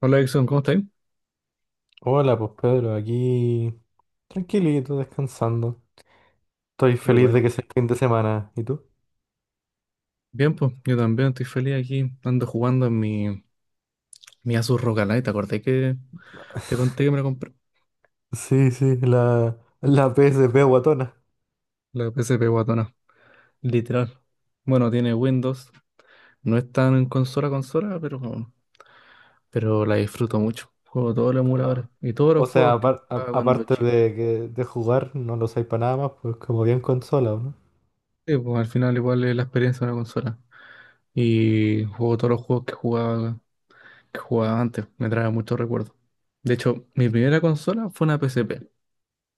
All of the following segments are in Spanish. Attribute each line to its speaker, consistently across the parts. Speaker 1: Hola Edson, ¿cómo estáis?
Speaker 2: Hola, pues Pedro, aquí tranquilito, descansando. Estoy
Speaker 1: Qué
Speaker 2: feliz
Speaker 1: bueno.
Speaker 2: de que sea fin de semana. ¿Y tú?
Speaker 1: Bien, pues, yo también estoy feliz aquí. Ando jugando en mi Asus ROG Ally. ¿Te acordé que te conté que me la compré?
Speaker 2: Sí, sí, la PSP guatona.
Speaker 1: La P S P guatona. Literal. Bueno, tiene Windows. No es tan en consola a consola, pero la disfruto mucho. Juego todos los emuladores y todos
Speaker 2: O
Speaker 1: los
Speaker 2: sea,
Speaker 1: juegos que
Speaker 2: apar- a-
Speaker 1: jugaba cuando
Speaker 2: aparte
Speaker 1: chico.
Speaker 2: de, de jugar, no lo usáis para nada más, pues como bien consola, ¿o no?
Speaker 1: Sí, pues al final igual es la experiencia de una consola. Y juego todos los juegos que jugaba antes. Me trae muchos recuerdos. De hecho, mi primera consola fue una P S P.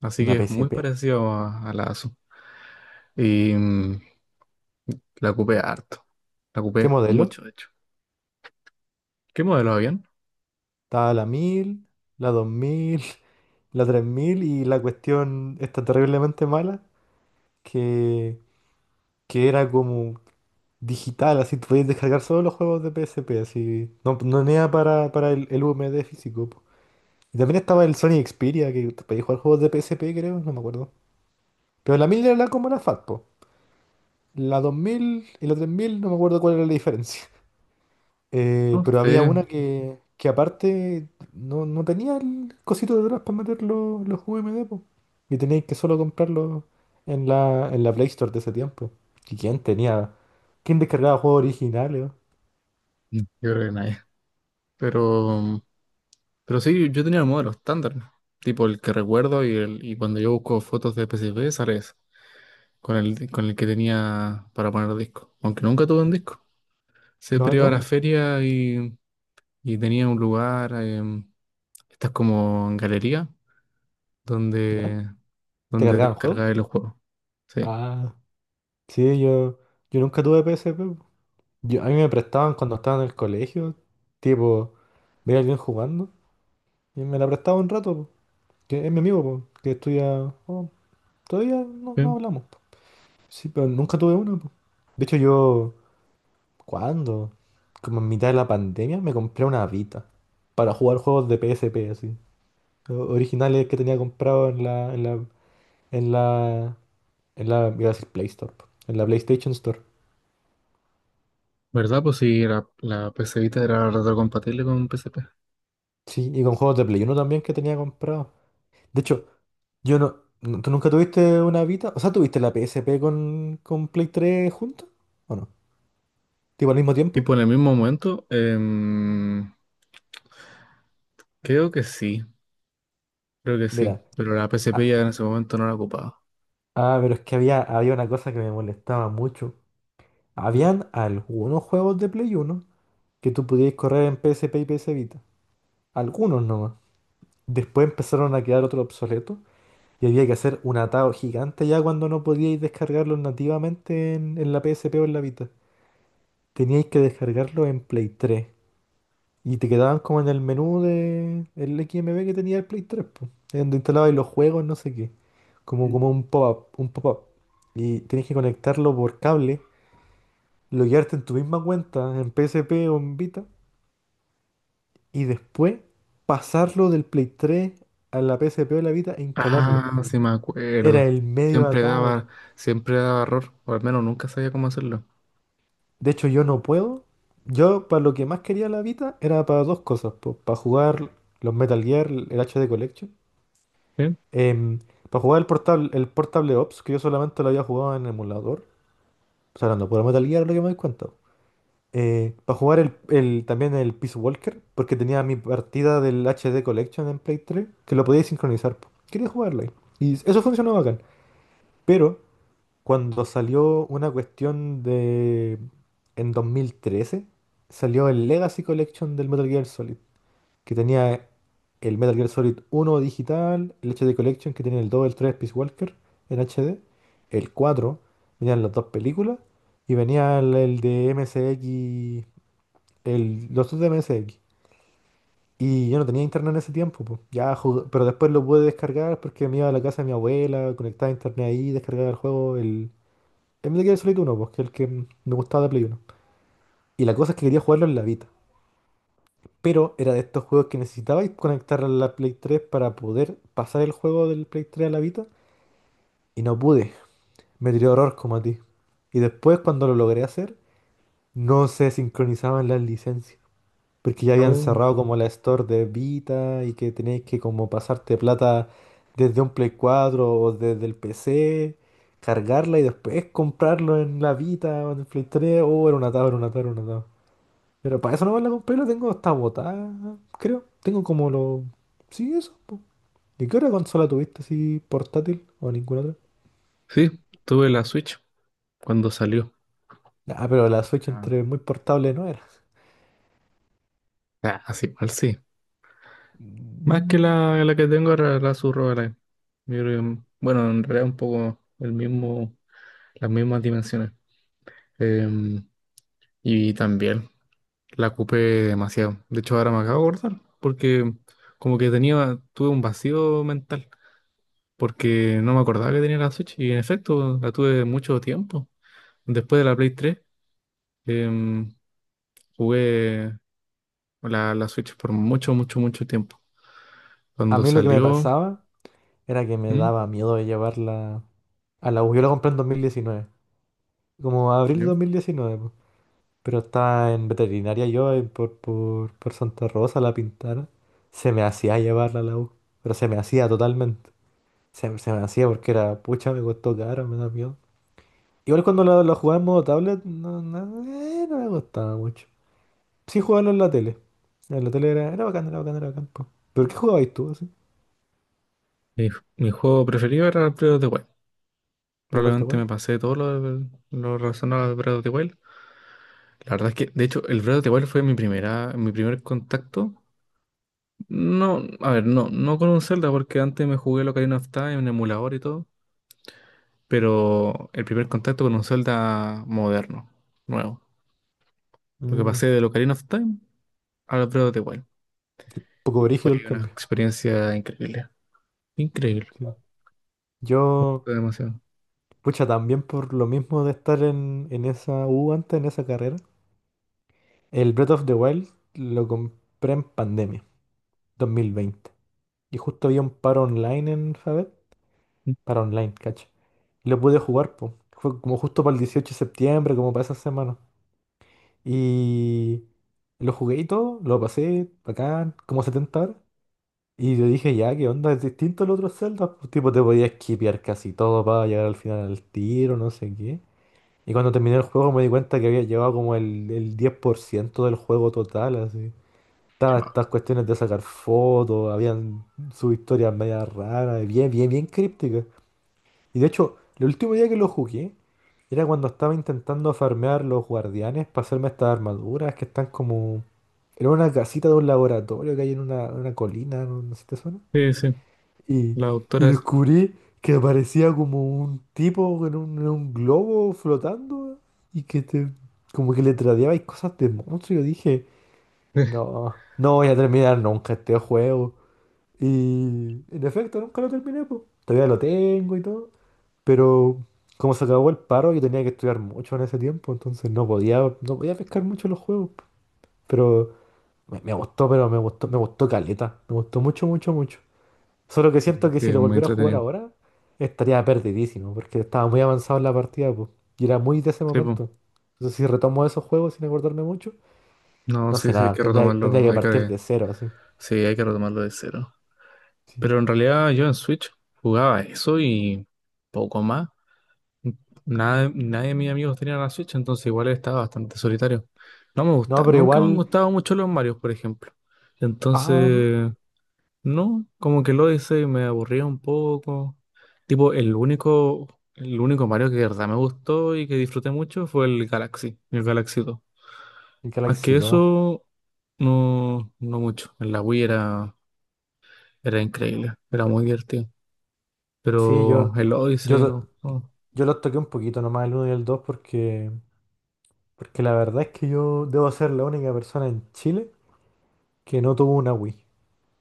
Speaker 1: Así
Speaker 2: Una
Speaker 1: que es muy
Speaker 2: PSP.
Speaker 1: parecido a la ASU. Y la ocupé harto. La
Speaker 2: ¿Qué
Speaker 1: ocupé mucho,
Speaker 2: modelo?
Speaker 1: de hecho. ¿Qué modelo habían?
Speaker 2: Está la 1000, la 2000, la 3000 y la cuestión está terriblemente mala, que, que era como digital, así tú puedes descargar solo los juegos de PSP, así. No, no nada para el UMD físico, po. Y también estaba el Sony Xperia, que te podías jugar juegos de PSP, creo, no me acuerdo. Pero la 1000 era la como la FAT, po. La 2000 y la 3000 no me acuerdo cuál era la diferencia. Eh,
Speaker 1: No
Speaker 2: pero había
Speaker 1: sé.
Speaker 2: una que aparte no tenía el cosito de atrás para meter los UMD, po. Y teníais que solo comprarlo en la, Play Store de ese tiempo. ¿Y quién tenía? ¿Quién descargaba juegos originales?
Speaker 1: Yo creo que nadie. Pero, pero sí, yo tenía el modelo estándar, ¿no? Tipo el que recuerdo y, el, y cuando yo busco fotos de PSP sale ese. Con el que tenía para poner disco. Aunque nunca tuve un disco.
Speaker 2: No, no.
Speaker 1: Siempre iba a la
Speaker 2: No.
Speaker 1: feria y tenía un lugar, estas como galería,
Speaker 2: ¿Ya?
Speaker 1: donde
Speaker 2: ¿Te
Speaker 1: donde te
Speaker 2: cargaban juegos?
Speaker 1: descargabas los juegos. Sí.
Speaker 2: Ah, sí, yo nunca tuve P PSP. Po. Yo, a mí me prestaban cuando estaba en el colegio, tipo, veía a alguien jugando y me la prestaba un rato, po, que es mi amigo, po, que estudia. Oh, todavía no
Speaker 1: Sí.
Speaker 2: hablamos, po. Sí, pero nunca tuve una, po. De hecho, yo, ¿cuándo? Como en mitad de la pandemia me compré una Vita para jugar juegos de PSP, así. Originales que tenía comprado en la, en la, iba a decir Play Store, po, en la PlayStation Store.
Speaker 1: ¿Verdad? Pues sí, la, la PC Vita era retrocompatible con PSP.
Speaker 2: Sí, y con juegos de Play Uno también que tenía comprado. De hecho, yo, ¿tú nunca tuviste una Vita? O sea, ¿tuviste la PSP con, Play 3 juntos? ¿O no? ¿Tipo al mismo
Speaker 1: Y
Speaker 2: tiempo?
Speaker 1: por el mismo momento, creo que sí, creo que sí.
Speaker 2: Mira.
Speaker 1: Pero la PSP
Speaker 2: Ah,
Speaker 1: ya en ese momento no la ocupaba.
Speaker 2: ah, pero es que había una cosa que me molestaba mucho.
Speaker 1: ¿Mm?
Speaker 2: Habían algunos juegos de Play Uno que tú podías correr en PSP y PS Vita. Algunos nomás. Después empezaron a quedar otros obsoletos y había que hacer un atado gigante ya cuando no podíais descargarlos nativamente en, la PSP o en la Vita. Teníais que descargarlo en Play 3. Y te quedaban como en el menú de el XMB que tenía el Play 3, pues. Donde instalabas los juegos, no sé qué. Como,
Speaker 1: Mm. No.
Speaker 2: como un pop-up, un pop-up. Y tienes que conectarlo por cable, loguearte en tu misma cuenta, en PSP o en Vita, y después pasarlo del Play 3 a la PSP o la Vita e
Speaker 1: Ah,
Speaker 2: instalarlo.
Speaker 1: claro, sí me
Speaker 2: Era
Speaker 1: acuerdo.
Speaker 2: el medio
Speaker 1: Siempre
Speaker 2: atado.
Speaker 1: daba, siempre daba error, o al menos nunca sabía cómo hacerlo.
Speaker 2: De hecho, yo no puedo. Yo, para lo que más quería la Vita, era para dos cosas, pues, para jugar los Metal Gear, el HD Collection.
Speaker 1: Sí.
Speaker 2: Em, para jugar el Portable Ops, que yo solamente lo había jugado en emulador, o sea, hablando pura Metal Gear, lo que me doy cuenta. Para jugar también el Peace Walker, porque tenía mi partida del HD Collection en Play 3, que lo podía sincronizar, po. Quería jugarla ahí. Y eso funcionó bacán. Pero cuando salió una cuestión de. En 2013 salió el Legacy Collection del Metal Gear Solid que tenía el Metal Gear Solid uno digital, el HD Collection que tenía el 2 el 3 Peace Walker en HD, el 4 venían las dos películas y venía el de MSX, los dos de MSX. Y yo no tenía internet en ese tiempo, po. Pero después lo pude descargar porque me iba a la casa de mi abuela, conectaba internet ahí, descargaba el juego, el Metal Gear Solid uno, pues, que es el que me gustaba de Play uno. Y la cosa es que quería jugarlo en la Vita. Pero era de estos juegos que necesitabais conectar a la Play 3 para poder pasar el juego del Play 3 a la Vita. Y no pude. Me tiró horror como a ti. Y después, cuando lo logré hacer, no se sincronizaban las licencias. Porque ya habían
Speaker 1: Oh.
Speaker 2: cerrado como la store de Vita y que teníais que como pasarte plata desde un Play 4 o desde el PC, cargarla y después comprarlo en la Vita o en el Play 3. Oh, era una tabla, pero para eso nomás la compré, la tengo hasta botada, creo. Tengo como lo. Sí, eso, po. ¿Y qué otra consola tuviste así portátil o ninguna otra?
Speaker 1: Sí, tuve la Switch cuando salió.
Speaker 2: Ah, pero la Switch
Speaker 1: Ah.
Speaker 2: entre muy portable no era.
Speaker 1: Ah, así mal sí. Más que
Speaker 2: Mm.
Speaker 1: la que tengo era la subrogaray. Yo creo que, bueno, en realidad un poco el mismo, las mismas dimensiones. Em, y también la ocupé demasiado. De hecho, ahora me acabo de acordar, porque como que tenía, tuve un vacío mental, porque no me acordaba que tenía la Switch. Y en efecto, la tuve mucho tiempo. Después de la Play 3, em, jugué la, la Switch por mucho, mucho, mucho tiempo.
Speaker 2: A
Speaker 1: Cuando
Speaker 2: mí lo que me
Speaker 1: salió,
Speaker 2: pasaba era que me
Speaker 1: ¿mm?
Speaker 2: daba miedo de llevarla a la U. Yo la compré en dos mil diecinueve, como abril de
Speaker 1: ¿Yo?
Speaker 2: 2019, po. Pero estaba en veterinaria yo, por Santa Rosa, la pintara. Se me hacía llevarla a la U, pero se me hacía totalmente. Se me hacía porque era, pucha, me costó caro, me da miedo. Igual cuando lo jugaba en modo tablet, no me gustaba mucho. Sí jugarlo en la tele. En la tele era bacán, era bacán, era bacán, po. ¿Pero qué jugabais tú así?
Speaker 1: Mi, mi juego preferido era el Breath of the Wild.
Speaker 2: Breath of the
Speaker 1: Probablemente
Speaker 2: Wild.
Speaker 1: me pasé todo lo relacionado al Breath of the Wild. La verdad es que, de hecho, el Breath of the Wild fue mi primera, mi primer contacto. No, a ver, no, no con un Zelda, porque antes me jugué lo Ocarina of Time en emulador y todo. Pero el primer contacto con un Zelda moderno, nuevo. Lo que
Speaker 2: Mm,
Speaker 1: pasé de Ocarina of Time al Breath of the Wild.
Speaker 2: sí, poco
Speaker 1: Y fue
Speaker 2: brígido el
Speaker 1: una
Speaker 2: cambio.
Speaker 1: experiencia increíble. Increíble.
Speaker 2: Sí.
Speaker 1: Me
Speaker 2: Yo,
Speaker 1: gustó demasiado.
Speaker 2: pucha, también por lo mismo de estar en, esa U antes, en esa carrera, el Breath of the Wild lo compré en pandemia, 2020. Y justo había un paro online en Fabet para online, cacho. Y lo pude jugar, po. Fue como justo para el 18 de septiembre, como para esa semana. Y lo jugué y todo, lo pasé, bacán, como 70 horas. Y yo dije, ya, ¿qué onda? Es distinto al otro Zelda. Pues, tipo, te podías skipear casi todo para llegar al final al tiro, no sé qué. Y cuando terminé el juego me di cuenta que había llevado como el 10% del juego total, así. Estaban estas cuestiones de sacar fotos, habían sus historias media raras, bien, bien, bien crípticas. Y de hecho, el último día que lo jugué era cuando estaba intentando farmear los guardianes para hacerme estas armaduras que están como. Era una casita de un laboratorio que hay en una colina, no sé si te suena.
Speaker 1: Sí, sí.
Speaker 2: Y,
Speaker 1: La
Speaker 2: y
Speaker 1: doctora es.
Speaker 2: descubrí que aparecía como un tipo en un globo flotando y como que le tradeabais cosas de monstruo. Y yo dije, no, no voy a terminar nunca este juego. Y en efecto, nunca lo terminé, pues. Todavía lo tengo y todo. Pero como se acabó el paro, yo tenía que estudiar mucho en ese tiempo, entonces no podía, no podía pescar mucho los juegos. Pero me gustó, pero me gustó caleta. Me gustó mucho, mucho, mucho. Solo que siento que
Speaker 1: Sí,
Speaker 2: si
Speaker 1: es
Speaker 2: lo
Speaker 1: muy
Speaker 2: volviera a jugar
Speaker 1: entretenido.
Speaker 2: ahora, estaría perdidísimo, porque estaba muy avanzado en la partida, pues. Y era muy de ese
Speaker 1: Sí, pues.
Speaker 2: momento. Entonces si retomo esos juegos sin acordarme mucho,
Speaker 1: No,
Speaker 2: no
Speaker 1: sí,
Speaker 2: sé
Speaker 1: sí, hay
Speaker 2: nada.
Speaker 1: que
Speaker 2: Tendría
Speaker 1: retomarlo.
Speaker 2: que
Speaker 1: Hay
Speaker 2: partir
Speaker 1: que,
Speaker 2: de cero, así.
Speaker 1: sí, hay que retomarlo de cero.
Speaker 2: Sí.
Speaker 1: Pero en realidad yo en Switch jugaba eso y poco más. Nada, nadie de mis amigos tenía la Switch, entonces igual estaba bastante solitario. No me gusta,
Speaker 2: No, pero
Speaker 1: nunca me
Speaker 2: igual.
Speaker 1: han gustado mucho los Marios, por ejemplo.
Speaker 2: Ah, no.
Speaker 1: Entonces, no, como que lo hice y me aburría un poco. Tipo, el único Mario que de verdad me gustó y que disfruté mucho fue el Galaxy 2.
Speaker 2: El
Speaker 1: Más
Speaker 2: Galaxy
Speaker 1: que
Speaker 2: 2.
Speaker 1: eso, no, no mucho. En la Wii era era increíble, era muy divertido.
Speaker 2: Sí,
Speaker 1: Pero
Speaker 2: yo.
Speaker 1: el Odyssey
Speaker 2: Yo,
Speaker 1: no. No.
Speaker 2: Yo los toqué un poquito nomás el uno y el 2 porque la verdad es que yo debo ser la única persona en Chile que no tuvo una Wii.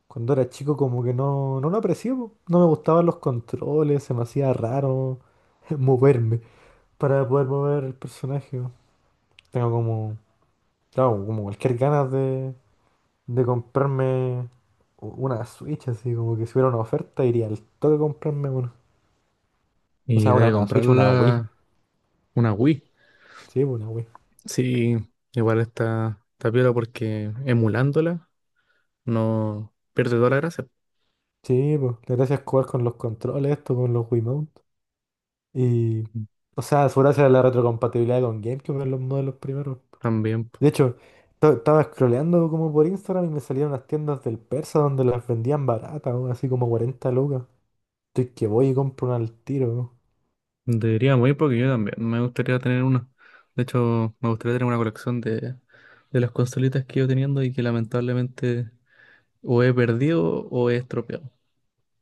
Speaker 2: Cuando era chico como que no lo aprecié, po. No me gustaban los controles, se me hacía raro moverme para poder mover el personaje, po. Tengo como, claro, como cualquier ganas de, comprarme una Switch, así como que si hubiera una oferta iría al toque a comprarme una. O
Speaker 1: Y
Speaker 2: sea,
Speaker 1: de
Speaker 2: una
Speaker 1: comprar
Speaker 2: Switch, una Wii.
Speaker 1: la- una Wii.
Speaker 2: Sí, po, una Wii.
Speaker 1: Sí, igual está, está piola porque emulándola no pierde toda la gracia.
Speaker 2: Sí, pues, la gracia es jugar con los controles, esto con los Wiimote. Y, o sea, su gracia es la retrocompatibilidad con GameCube en los modelos primeros.
Speaker 1: También po.
Speaker 2: De hecho, estaba scrolleando como por Instagram y me salían las tiendas del Persa donde las vendían baratas, weón, así como 40 lucas. Estoy que voy y compro una al tiro, weón.
Speaker 1: Deberíamos ir porque yo también me gustaría tener una. De hecho, me gustaría tener una colección de las consolitas que he ido teniendo y que lamentablemente o he perdido o he estropeado.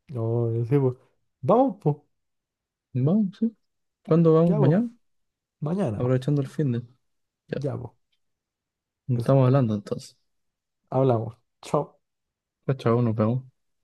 Speaker 2: No, yo sí, pues. Vamos, pues.
Speaker 1: Vamos, sí. ¿Cuándo vamos?
Speaker 2: Ya, pues.
Speaker 1: ¿Mañana?
Speaker 2: Mañana, pues.
Speaker 1: Aprovechando el fin de. Ya,
Speaker 2: Ya, pues. Eso.
Speaker 1: estamos hablando entonces.
Speaker 2: Hablamos. Chao.
Speaker 1: Chao, chao, nos vemos.